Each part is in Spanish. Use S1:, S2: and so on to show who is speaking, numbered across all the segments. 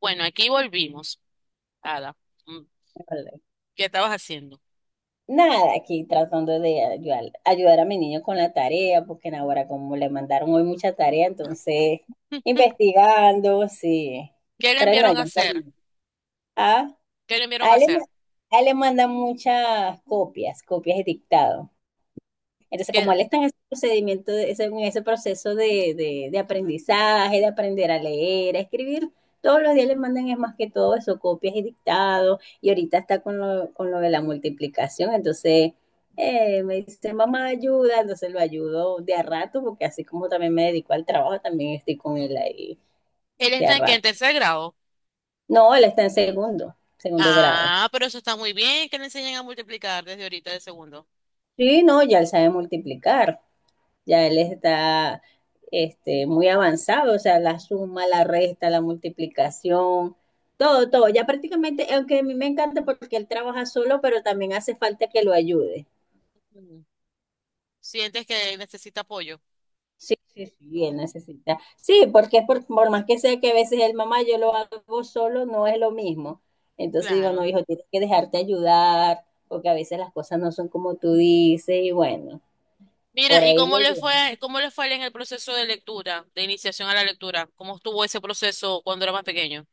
S1: Bueno, aquí volvimos, Ada. Mm,
S2: Vale.
S1: ¿qué estabas haciendo?
S2: Nada, aquí tratando de ayudar a mi niño con la tarea, porque en ahora como le mandaron hoy mucha tarea, entonces investigando, sí.
S1: ¿Qué le
S2: Pero no,
S1: enviaron a
S2: ya
S1: hacer?
S2: terminé. Ah,
S1: ¿Qué le enviaron
S2: a
S1: a
S2: él, le ma-
S1: hacer?
S2: a él le mandan muchas copias, copias de dictado. Entonces, como
S1: ¿Qué-
S2: él está en ese proceso de aprendizaje, de aprender a leer, a escribir, todos los días le mandan es más que todo eso, copias y dictados, y ahorita está con lo de la multiplicación, entonces me dice, mamá, ayuda, entonces lo ayudo de a rato, porque así como también me dedico al trabajo, también estoy con él ahí
S1: ¿Él
S2: de a
S1: está en qué? ¿En
S2: rato.
S1: tercer grado?
S2: No, él está en segundo grado.
S1: Ah, pero eso está muy bien, que le enseñen a multiplicar desde ahorita de segundo.
S2: Sí, no, ya él sabe multiplicar. Ya él está muy avanzado, o sea, la suma, la resta, la multiplicación, todo, todo. Ya prácticamente, aunque a mí me encanta porque él trabaja solo, pero también hace falta que lo ayude.
S1: Mm. ¿Sientes que necesita apoyo?
S2: Sí, sí, sí, sí, él necesita. Sí, porque es por más que sea que a veces el mamá yo lo hago solo, no es lo mismo. Entonces digo, no,
S1: Claro.
S2: hijo, tienes que dejarte ayudar, porque a veces las cosas no son como tú dices, y bueno, por
S1: Mira, ¿y
S2: ahí lo llevo.
S1: cómo le fue a él en el proceso de lectura, de iniciación a la lectura? ¿Cómo estuvo ese proceso cuando era más pequeño?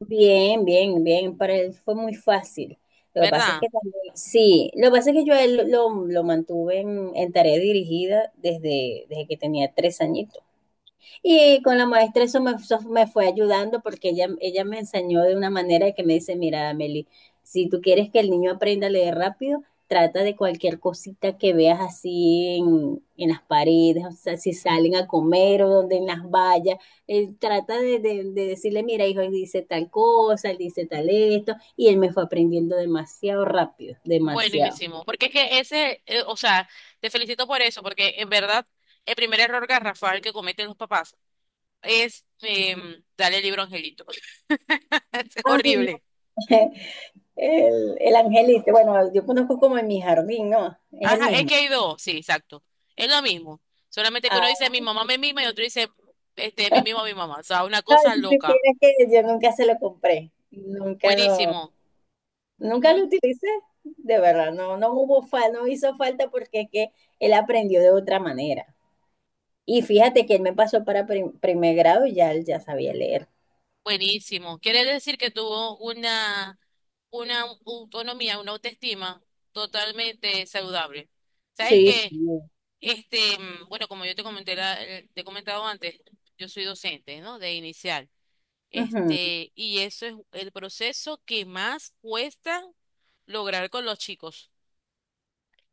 S2: Bien, bien, bien. Para él fue muy fácil. Lo que pasa es
S1: ¿Verdad?
S2: que también, sí, lo que pasa es que yo a él lo mantuve en tarea dirigida desde que tenía 3 años. Y con la maestra eso me fue ayudando porque ella me enseñó de una manera que me dice, mira, Meli, si tú quieres que el niño aprenda a leer rápido, trata de cualquier cosita que veas así en las paredes, o sea, si salen a comer o donde en las vallas, trata de decirle, mira, hijo, él dice tal cosa, él dice tal esto, y él me fue aprendiendo demasiado rápido, demasiado.
S1: Buenísimo. Porque es que ese, o sea, te felicito por eso, porque en verdad el primer error garrafal que cometen los papás. Este, dale el libro Angelito. Es
S2: Ay, no.
S1: horrible.
S2: El angelito, bueno, yo conozco como en mi jardín, ¿no? Es el
S1: Ajá, es
S2: mismo.
S1: que hay dos, sí, exacto. Es lo mismo. Solamente que uno dice mi mamá me mima y otro dice este mi mimo a mi mamá. O sea, una
S2: No,
S1: cosa
S2: si
S1: loca.
S2: supieras que yo nunca se lo compré,
S1: Buenísimo.
S2: nunca
S1: Ujú.
S2: lo utilicé, de verdad, no, no hizo falta porque es que él aprendió de otra manera. Y fíjate que él me pasó para primer grado y ya él ya sabía leer.
S1: Buenísimo. Quiere decir que tuvo una autonomía, una autoestima totalmente saludable. ¿Sabes
S2: Sí, sí.
S1: que este, bueno, como yo te comenté te he comentado antes, yo soy docente, ¿no? De inicial.
S2: Ujú.
S1: Este, y eso es el proceso que más cuesta lograr con los chicos.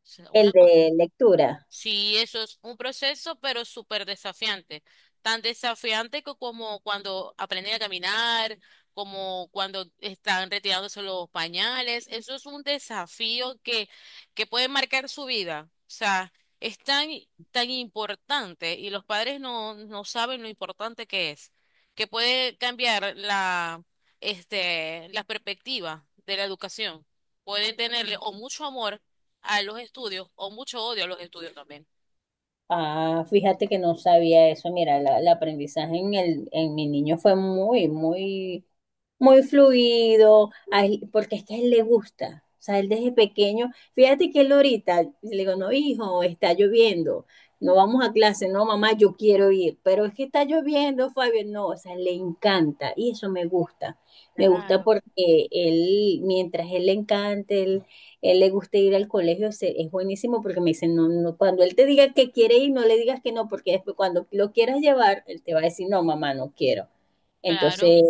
S1: O sea,
S2: El
S1: una cosa.
S2: de lectura.
S1: Sí, eso es un proceso, pero súper desafiante. Tan desafiante que como cuando aprenden a caminar, como cuando están retirándose los pañales. Eso es un desafío que puede marcar su vida. O sea, es tan, tan importante y los padres no saben lo importante que es, que puede cambiar la, este, la perspectiva de la educación. Pueden tenerle o mucho amor a los estudios o mucho odio a los estudios también.
S2: Ah, fíjate que no sabía eso. Mira, el aprendizaje en el, en mi niño fue muy, muy, muy fluido, porque es que a él le gusta. O sea, él desde pequeño, fíjate que él ahorita, le digo, no, hijo, está lloviendo, no vamos a clase, no, mamá, yo quiero ir, pero es que está lloviendo, Fabio, no, o sea, le encanta y eso me gusta. Me gusta
S1: Claro.
S2: porque él, mientras él le encante, él le guste ir al colegio, es buenísimo porque me dicen no, no, cuando él te diga que quiere ir, no le digas que no, porque después cuando lo quieras llevar, él te va a decir, no, mamá, no quiero.
S1: Claro,
S2: Entonces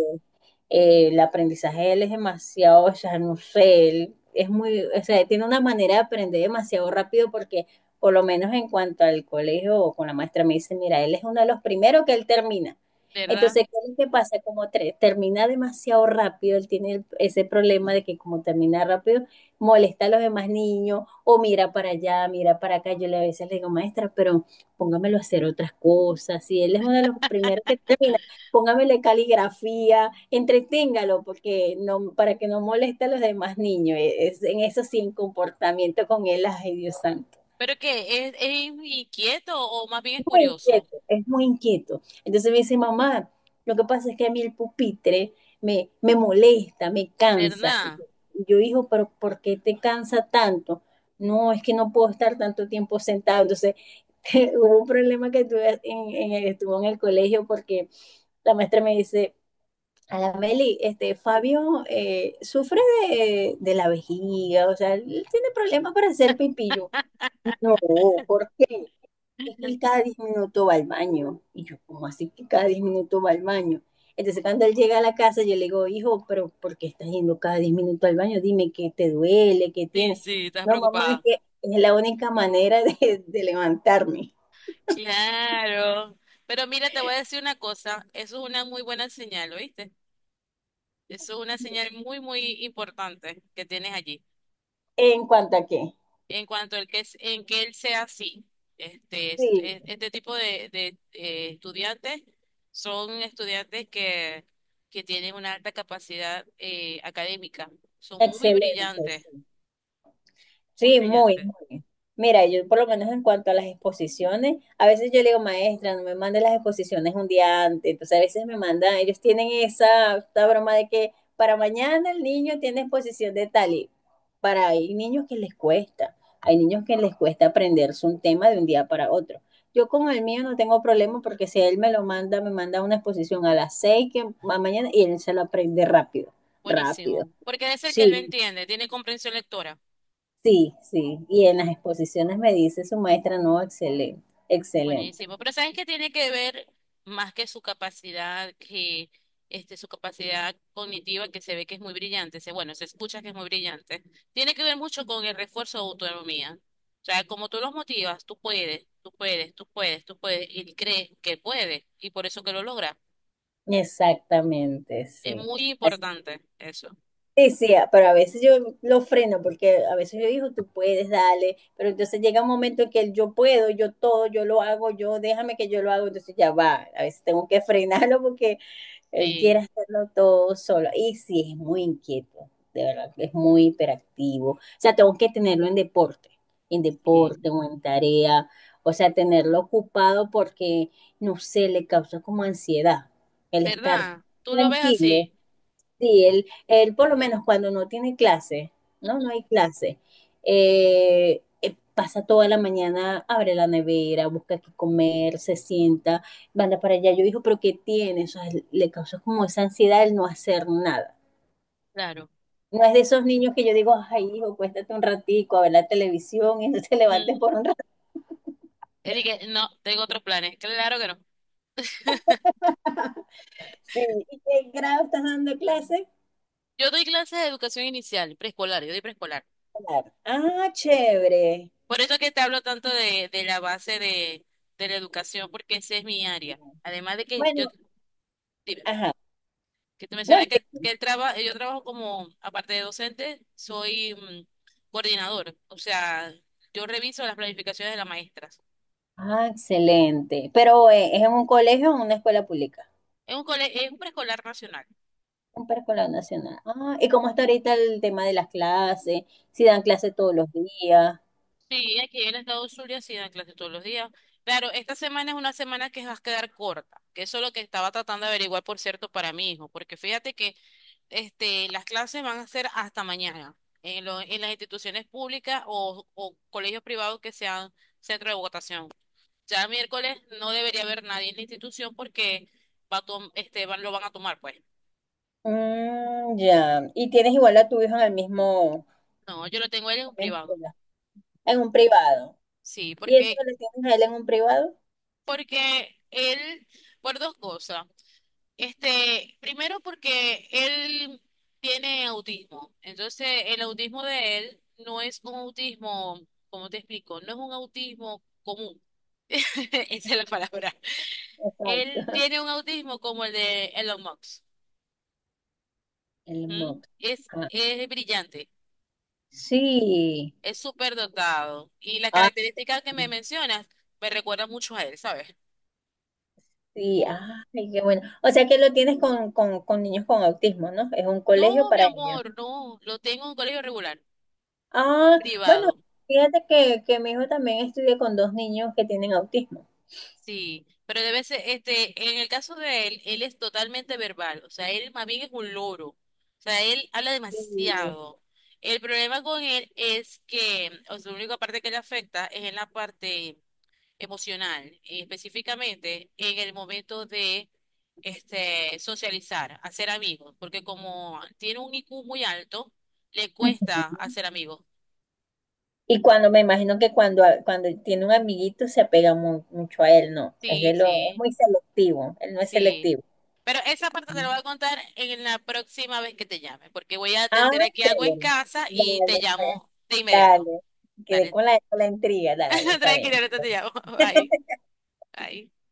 S2: el aprendizaje de él es demasiado, o sea, no sé, él es muy, o sea, tiene una manera de aprender demasiado rápido porque por lo menos en cuanto al colegio o con la maestra me dice, mira, él es uno de los primeros que él termina.
S1: ¿verdad?
S2: Entonces, ¿qué es lo que pasa? Como termina demasiado rápido, él tiene ese problema de que como termina rápido, molesta a los demás niños o mira para allá, mira para acá. Yo le a veces le digo, maestra, pero póngamelo a hacer otras cosas. Y él es uno de los primeros que termina, póngamele caligrafía, entreténgalo porque no, para que no moleste a los demás niños. Es, en eso sí, en comportamiento con él, ay Dios santo.
S1: Pero que es, ¿es inquieto o más bien es
S2: Muy
S1: curioso?
S2: inquieto, es muy inquieto. Entonces me dice, mamá, lo que pasa es que a mí el pupitre me molesta, me cansa. Y
S1: ¿Verdad?
S2: yo, hijo, pero ¿por qué te cansa tanto? No, es que no puedo estar tanto tiempo sentado. Entonces, hubo un problema que tuve estuvo en el colegio porque la maestra me dice, Meli, Fabio sufre de la vejiga, o sea, él tiene problemas para hacer pipillo. No, ¿por qué? Es que él cada 10 minutos va al baño. Y yo, ¿cómo así que cada 10 minutos va al baño? Entonces, cuando él llega a la casa, yo le digo, hijo, pero ¿por qué estás yendo cada 10 minutos al baño? Dime qué te duele, qué
S1: Sí,
S2: tiene.
S1: sí, estás
S2: No, mamá, es
S1: preocupada.
S2: que es la única manera de levantarme.
S1: Claro. Pero mira, te voy a decir una cosa, eso es una muy buena señal, ¿oíste? Eso es una señal muy, muy importante que tienes allí.
S2: ¿En cuanto a qué?
S1: En cuanto al que es, en que él sea así. Este,
S2: Sí,
S1: este tipo de, estudiantes son estudiantes que tienen una alta capacidad académica. Son muy
S2: excelente.
S1: brillantes,
S2: Sí.
S1: muy
S2: Sí, muy,
S1: brillantes.
S2: muy. Mira, yo por lo menos en cuanto a las exposiciones, a veces yo le digo, maestra, no me mande las exposiciones un día antes. Entonces a veces me mandan, ellos tienen esa, esta broma de que para mañana el niño tiene exposición de tal y para hay niños que les cuesta, hay niños que les cuesta aprenderse un tema de un día para otro. Yo con el mío no tengo problema porque si él me lo manda, me manda una exposición a las 6 mañana y él se lo aprende rápido, rápido.
S1: Buenísimo. Porque es el que
S2: Sí,
S1: lo entiende, tiene comprensión lectora.
S2: sí, sí. Y en las exposiciones me dice su maestra, no, excelente, excelente.
S1: Buenísimo, pero sabes que tiene que ver más que su capacidad, que este, su capacidad cognitiva, que se ve que es muy brillante, se, bueno, se escucha que es muy brillante. Tiene que ver mucho con el refuerzo de autonomía. O sea, como tú los motivas, tú puedes, tú puedes, tú puedes, tú puedes, y él cree que puede, y por eso que lo logra.
S2: Exactamente,
S1: Es
S2: sí.
S1: muy
S2: Así-
S1: importante eso.
S2: Sí, sí, pero a veces yo lo freno porque a veces yo digo, tú puedes, dale, pero entonces llega un momento en que el yo puedo, yo todo, yo lo hago, yo déjame que yo lo hago, entonces ya va, a veces tengo que frenarlo porque él quiere
S1: Sí,
S2: hacerlo todo solo. Y sí, es muy inquieto, de verdad, es muy hiperactivo. O sea, tengo que tenerlo en
S1: sí.
S2: deporte o en tarea. O sea, tenerlo ocupado porque, no sé, le causa como ansiedad el estar
S1: ¿Verdad? Tú lo ves
S2: tranquilo.
S1: así.
S2: Sí, él por lo menos cuando no tiene clase, ¿no? No hay clase. Pasa toda la mañana, abre la nevera, busca qué comer, se sienta, manda para allá. Yo digo, pero ¿qué tiene? O sea, le causa como esa ansiedad el no hacer nada.
S1: Claro.
S2: No es de esos niños que yo digo, ay, hijo, cuéstate un ratico a ver la televisión y no te levantes
S1: Mm.
S2: por un rato.
S1: Él dice, no, tengo otros planes. Claro que no.
S2: Sí, ¿y qué grado estás dando clase?
S1: Yo doy clases de educación inicial, preescolar, yo doy preescolar.
S2: Claro. Ah, chévere.
S1: Por eso que te hablo tanto de la base de la educación, porque esa es mi área. Además de que yo,
S2: Bueno,
S1: dime,
S2: ajá.
S1: que te
S2: No, en
S1: mencioné
S2: fin.
S1: que yo trabajo como, aparte de docente, soy coordinador. O sea, yo reviso las planificaciones de las maestras.
S2: Ah, excelente. Pero ¿es en un colegio o en una escuela pública?
S1: Es es un preescolar nacional.
S2: Un preescolar nacional. Ah, ¿y cómo está ahorita el tema de las clases? Si dan clases todos los días.
S1: Sí, aquí en el estado Zulia sí dan clases todos los días. Claro, esta semana es una semana que va a quedar corta, que eso es lo que estaba tratando de averiguar, por cierto, para mi hijo, porque fíjate que este, las clases van a ser hasta mañana en, en las instituciones públicas o colegios privados que sean centro de votación. Ya el miércoles no debería haber nadie en la institución porque este, lo van a tomar, pues.
S2: Mm, ya. Y tienes igual a tu hijo en el mismo,
S1: No, yo lo tengo a él en un
S2: en
S1: privado.
S2: un privado.
S1: Sí,
S2: ¿Y eso que le tienes a él en un privado?
S1: porque él, por dos cosas. Este, primero porque él tiene autismo. Entonces, el autismo de él no es un autismo, ¿cómo te explico? No es un autismo común. Esa es la palabra.
S2: Exacto.
S1: Él tiene un autismo como el de Elon Musk.
S2: El
S1: ¿Mm?
S2: MOOC. Ah,
S1: Es brillante,
S2: sí.
S1: es súper dotado. Y las
S2: Ah,
S1: características que me mencionas me recuerdan mucho a él, ¿sabes?
S2: sí.
S1: Por-
S2: Ay, qué bueno. O sea que lo tienes con, con niños con autismo, ¿no? Es un colegio
S1: No, mi
S2: para ellos.
S1: amor, no. Lo tengo en un colegio regular,
S2: Ah, bueno,
S1: privado.
S2: fíjate que mi hijo también estudia con dos niños que tienen autismo.
S1: Sí, pero debe ser, este, en el caso de él, él es totalmente verbal. O sea, él más bien es un loro. O sea, él habla
S2: Y,
S1: demasiado. El problema con él es que, o sea, la única parte que le afecta es en la parte emocional, y específicamente en el momento de este, socializar, hacer amigos, porque como tiene un IQ muy alto, le
S2: ujú.
S1: cuesta hacer amigos.
S2: Y cuando me imagino que cuando, cuando tiene un amiguito se apega mucho a él, no. Es
S1: Sí,
S2: es
S1: sí,
S2: muy selectivo, él no es
S1: sí.
S2: selectivo.
S1: Pero esa parte te la voy a contar en la próxima vez que te llame, porque voy a
S2: Ah,
S1: atender aquí algo en
S2: chévere.
S1: casa y te
S2: Dale, pues,
S1: llamo de inmediato.
S2: dale. Quedé
S1: Dale,
S2: con con la intriga, dale, está
S1: tranquilo,
S2: bien.
S1: ahorita te llamo. Bye, bye.